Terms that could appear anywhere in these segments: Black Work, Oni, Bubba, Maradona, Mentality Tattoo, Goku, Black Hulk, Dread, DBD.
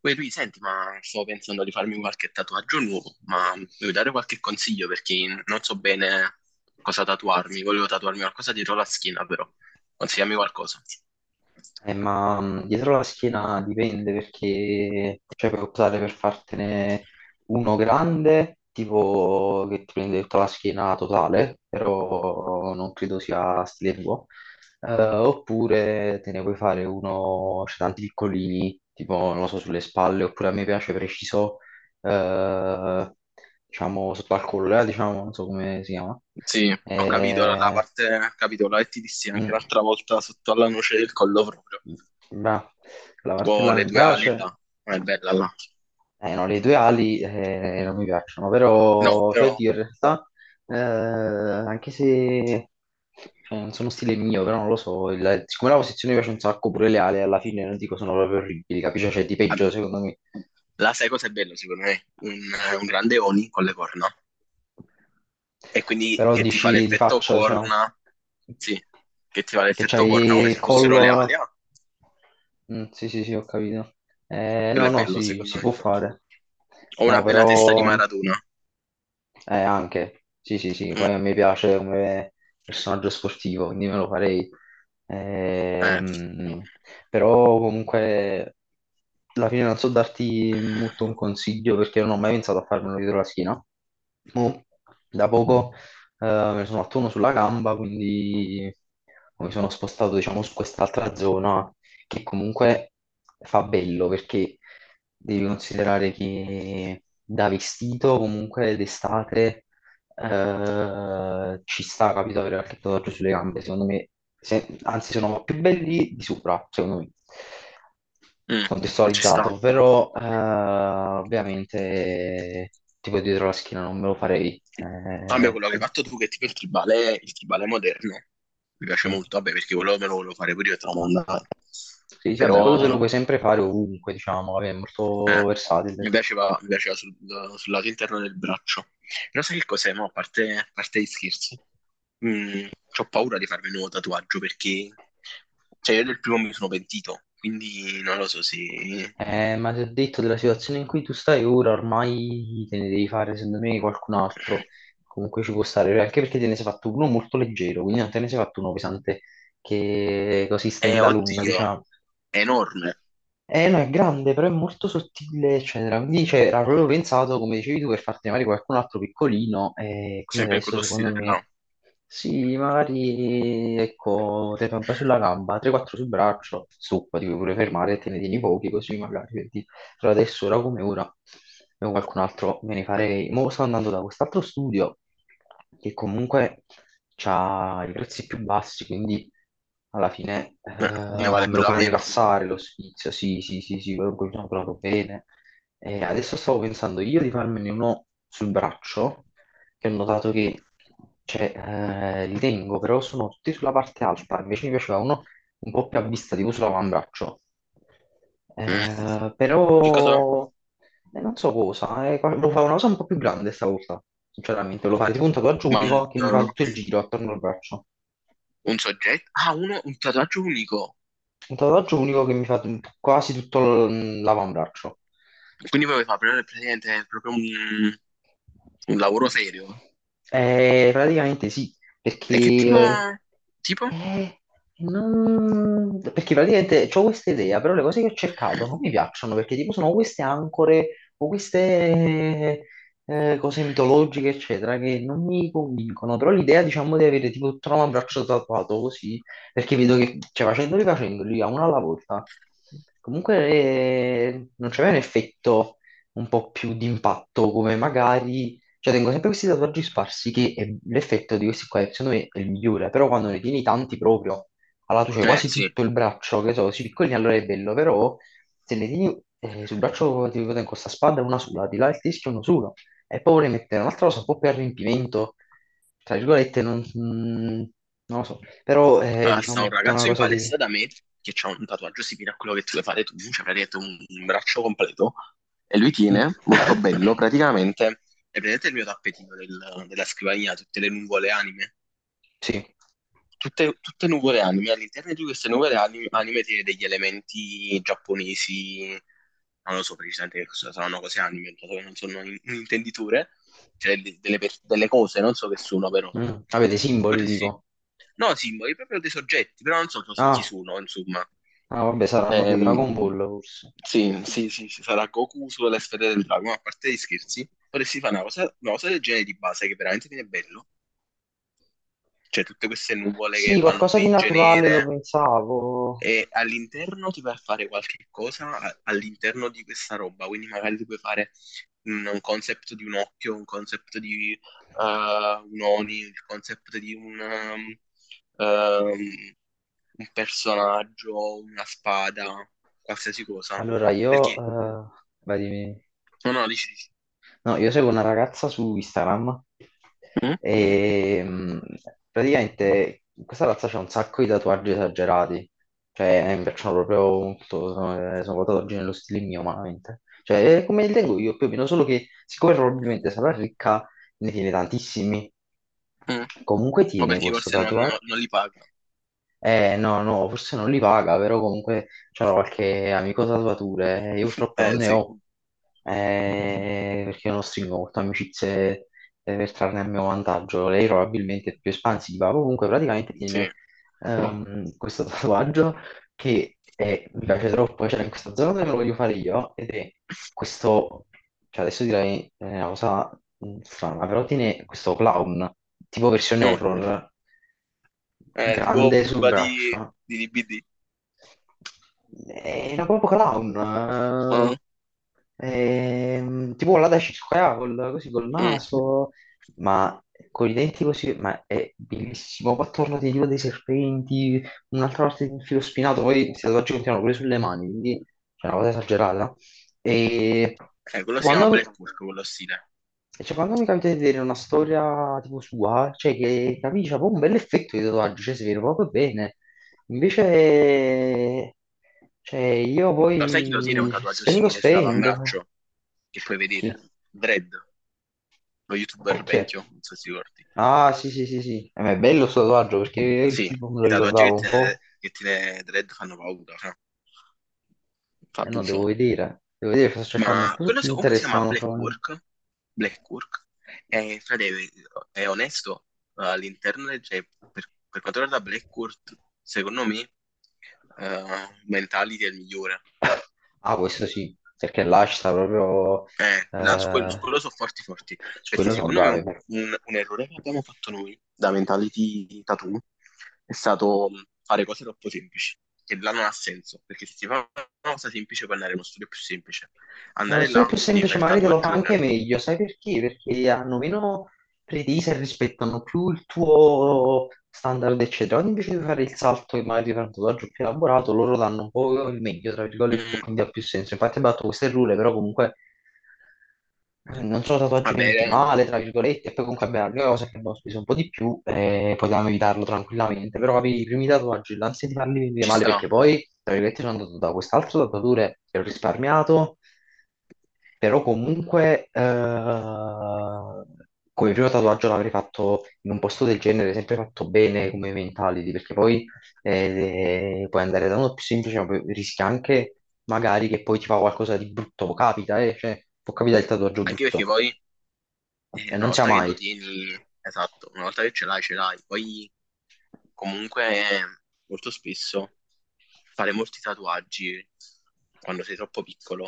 Poi lui, senti, ma sto pensando di farmi qualche tatuaggio nuovo, ma mi vuoi dare qualche consiglio perché non so bene cosa tatuarmi. Volevo tatuarmi qualcosa dietro la schiena, però. Consigliami qualcosa. Ma dietro la schiena dipende perché cioè, puoi optare per fartene uno grande, tipo che ti prende tutta la schiena totale, però non credo sia stile tuo, oppure te ne puoi fare uno, c'è tanti piccolini, tipo non lo so, sulle spalle, oppure a me piace preciso, eh, diciamo sotto al collo, diciamo, non so come si chiama. Sì, ho capito la Eh, parte, ho capito la che ti dissi anche mm. l'altra volta sotto alla noce del collo proprio. Bravo. La Tipo martella le mi due ali piace. là. Non è bella là. No, le tue ali non mi piacciono, No, però, cioè, però... oddio, in realtà, anche se cioè, non sono stile mio, però non lo so, siccome la posizione mi piace un sacco, pure le ali alla fine non dico sono proprio orribili, capisci? Cioè, di peggio, secondo me. La sai cosa è bello, secondo me? Un grande Oni con le corna. E quindi Però che ti fa dici di l'effetto faccia, diciamo, corna, sì, che ti fa che l'effetto corna c'hai come il se fossero le ali. collo... Ah, Mm, sì, sì, sì, ho capito. Quello No, è no, bello, sì, secondo si me. può fare. Ho No, una bella testa di però... Maradona. Anche, sì, sì, sì, Mm. poi a me piace come personaggio sportivo, quindi me lo farei. Eh, Ehm, Però comunque alla fine non so darti molto un consiglio perché non ho mai pensato a farmelo dietro la schiena. Mo, da poco me ne sono fatto uno sulla gamba, quindi mi sono spostato diciamo su quest'altra zona che comunque fa bello perché devi considerare che da vestito comunque d'estate ci sta, capito, avere qualche tatuaggio sulle gambe, secondo me, anzi sono più belli di sopra, secondo me, mm, Ci sta. contestualizzato, però ovviamente tipo dietro la schiena non me lo farei. Cambio quello che hai fatto tu, che tipo il tribale moderno. Mi piace Sì. molto, vabbè, perché quello me lo volevo fare pure io e te lo mandavo. Sì, sì, vabbè, quello te Però lo puoi sempre fare ovunque, diciamo, vabbè, è molto Eh, mi versatile. piaceva, mi piaceva sul lato interno del braccio. Però sai che cos'è, mo? A parte gli scherzi, mm, ho paura di farmi un nuovo tatuaggio perché, cioè, io del primo mi sono pentito, quindi non lo so se... Ma ti ho detto della situazione in cui tu stai ora, ormai te ne devi fare, secondo me, qualcun altro. Comunque ci può stare, anche perché te ne sei fatto uno molto leggero, quindi non te ne sei fatto uno pesante che così sta in dalunna, oddio, diciamo. è enorme, Eh no, è grande, però è molto sottile, eccetera. Quindi cioè, era proprio pensato, come dicevi tu, per farti magari qualcun altro piccolino, e quindi sempre in adesso quello stile secondo me là. sì, magari ecco, te ne fai un po' sulla gamba, 3-4 sul braccio, su, ti puoi pure fermare e te ne tieni pochi così magari. Però adesso, ora come ora, io qualcun altro me ne farei. Mo sto andando da quest'altro studio che comunque ha i prezzi più bassi, quindi alla fine Eh, ne vale me lo più la fa pena. rilassare lo sfizio. Sì, sì, sì, sì, quello quello sono proprio bene. E adesso stavo pensando io di farmene uno sul braccio, che ho notato che cioè, li tengo, però sono tutti sulla parte alta. Invece mi piaceva uno un po' più a vista, tipo sull'avambraccio. Mm, che cosa? Però non so cosa, lo fa una cosa un po' più grande stavolta, sinceramente, lo fa tipo un tatuaggio Ma un, unico che mi fa tutto il giro attorno al braccio, un soggetto? Ah, un tatuaggio unico. un tatuaggio unico che mi fa quasi tutto l'avambraccio. Quindi puoi fare praticamente proprio un lavoro serio? Praticamente sì, perché, E che tipo... Tipo? eh, perché praticamente ho questa idea, però le cose che ho cercato non mi piacciono perché tipo sono queste ancore o queste cose mitologiche, eccetera, che non mi convincono, però l'idea diciamo di avere tipo tutto l'avambraccio tatuato così, perché vedo che cioè, facendoli a uno alla volta, comunque non c'è un effetto un po' più di impatto, come magari... Cioè, tengo sempre questi tatuaggi sparsi che l'effetto di questi qua, secondo me, è il migliore, però quando ne tieni tanti proprio, allora tu c'hai quasi Sì. tutto il braccio, che so, così piccolini, allora è bello, però se ne tieni sul braccio, ti dico, tengo questa spada una sola, di là il teschio uno solo, e poi vorrei mettere un'altra cosa un po' più a riempimento, tra virgolette, non lo so, però Allora, sta diciamo è un tutta una ragazzo in cosa di... palestra da me che ha un tatuaggio simile a quello che tu vuoi fare tu, cioè praticamente un braccio completo, e lui Mm. tiene, molto bello, praticamente, è praticamente il mio tappetino della scrivania, tutte le nuvole anime. Sì. Tutte nuvole anime, all'interno di queste nuvole anime, anime tiene degli elementi giapponesi, non lo so precisamente che cosa saranno cose anime, non sono un intenditore, cioè delle, delle cose, non so che sono però. Mm. Avete simboli Potresti... tipo? No, simboli, proprio dei soggetti, però non so so su chi Ah, sono, insomma. Vabbè, saranno dei Ehm, Dragon Ball forse. sì, sì, sì, sì, sarà Goku sulla sfera del drago, ma a parte gli scherzi, potresti fare una cosa del genere di base che veramente viene bello. Cioè, tutte queste nuvole che Sì, fanno qualcosa di grigie, naturale lo nere, pensavo. e all'interno ti vai a fare qualche cosa all'interno di questa roba, quindi magari ti puoi fare un concept di un occhio, un concept di un Oni, il concept di ehm, un personaggio, una spada, qualsiasi cosa, no? Allora io... Perché, eh, Vai dimmi. no, no, dici, dici. No, io seguo una ragazza su Instagram Mm? e praticamente questa ragazza c'ha un sacco di tatuaggi esagerati, cioè mi piacciono proprio molto, sono tatuaggi nello stile mio, umanamente. Cioè, è come li tengo io più o meno, solo che siccome probabilmente sarà ricca, ne tiene tantissimi. Mm. Comunque O tiene perché questo forse non, no, tatuaggio, non li paga. No, no, forse non li paga, però comunque c'era qualche amico tatuatore. Io purtroppo non ne Sì, ho, perché io non stringo molto amicizie per trarne a mio vantaggio. Lei probabilmente è più espansiva. Comunque praticamente tiene sì. Questo tatuaggio che mi piace troppo, cioè in questa zona dove lo voglio fare io, ed è questo, cioè adesso direi una cosa strana, però tiene questo clown, tipo versione Mm. horror, Tipo grande sul Bubba braccio, di DBD. era proprio clown, Mm. Tipo là da Circa, così col Mm. naso, ma con i denti così, ma è bellissimo, poi attorno di giro dei serpenti, un'altra parte di un filo spinato, poi si continuano pure sulle mani, quindi c'è una cosa esagerata. E Quello si chiama Black quando, Hulk, quello stile. cioè, quando mi capita di vedere una storia tipo sua, cioè che capisci, c'ha proprio un bell'effetto di tatuaggio, cioè si vede proprio bene. Invece, cioè, io Lo sai chi lo tiene un poi tatuaggio spendo, simile spendo. Sull'avambraccio? Che puoi Chi? vedere? Dread, lo youtuber Perché? vecchio, non so se ti ricordi. Ah, sì, sì, sì, sì. Ma è bello sto tatuaggio perché il Sì, tipo me lo i tatuaggi ricordavo un po'. Che tiene Dread fanno paura, fra. Fa Eh no, abuso. devo vedere. Devo vedere, sto cercando un Ma po' su comunque si Pinterest, chiama ma non Black trovo niente. Work. Black Work. E, frate, è onesto, all'interno, cioè, per quanto riguarda Black Work, secondo me, Mentality è il migliore. Ah, questo sì, perché là ci sta proprio... Là su eh, quello sono forti forti, Su perché quello sono secondo me un, bravi. un errore che abbiamo fatto noi da Mentality Tattoo è stato mm, fare cose troppo semplici, che là non ha senso, perché se si fa una cosa semplice puoi andare in uno studio più semplice. Non Andare so se là è più ti devi semplice, fare il magari te lo fa anche tatuaggione. meglio. Sai perché? Perché hanno meno pretese e rispettano più il tuo standard, eccetera. Quando invece di fare il salto e magari di fare un tatuaggio più elaborato, loro danno un po' il meglio, tra virgolette, e quindi ha più senso. Infatti ho fatto questo errore, però comunque non sono tatuaggi Vabbè, venuti male, tra virgolette, e poi comunque abbiamo la cosa che abbiamo speso un po' di più e potevamo evitarlo tranquillamente, però avevi i primi tatuaggi, l'ansia di farli venire ci male perché sta. poi, tra virgolette, sono andato da quest'altro tatuatore che ho risparmiato però comunque, come primo tatuaggio l'avrei fatto in un posto del genere, sempre fatto bene come mentality, perché poi puoi andare da uno più semplice, ma poi rischia anche magari che poi ti fa qualcosa di brutto, capita, cioè, può capitare il tatuaggio Anche perché brutto, poi e una non sia volta che mai. lo tieni, esatto, una volta che ce l'hai, ce l'hai. Poi comunque eh, molto spesso fare molti tatuaggi quando sei troppo piccolo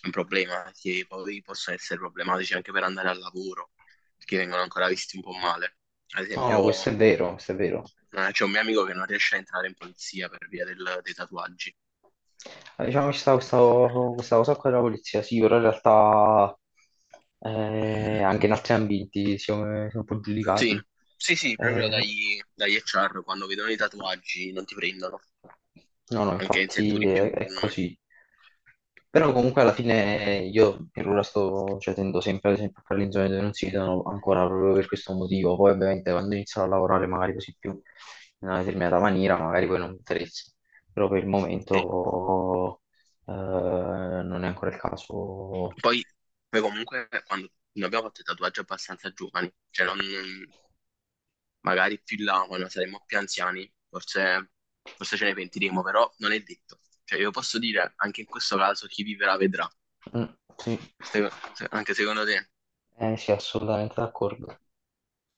è un problema, che poi possono essere problematici anche per andare al lavoro, perché vengono ancora visti un po' male. Ad No, no, esempio, questo è vero, questo è vero. C'è un mio amico che non riesce a entrare in polizia per via dei tatuaggi. Ah, diciamo che ci sta questa cosa qua della polizia, sì, però in realtà anche in altri ambiti siamo un po' Sì, giudicati. sì, sì, proprio Eh, dagli, dagli HR quando vedono i tatuaggi non ti prendono, no, no, anche in infatti settori più... è così. Però comunque alla fine io per ora sto, cioè, tendo sempre ad esempio a fare le zone dove non si vedono ancora proprio per questo motivo. Poi ovviamente quando inizierò a lavorare magari così più in una determinata maniera, magari poi non mi interessa però per il Sì. momento non è ancora il caso. Poi, poi comunque quando noi abbiamo fatto i tatuaggi abbastanza giovani, magari più in là quando saremo più anziani, forse, forse ce ne pentiremo, però non è detto. Cioè io posso dire, anche in questo caso, chi vivrà vedrà, Mm, sì, anche secondo te. eh, sì, assolutamente d'accordo.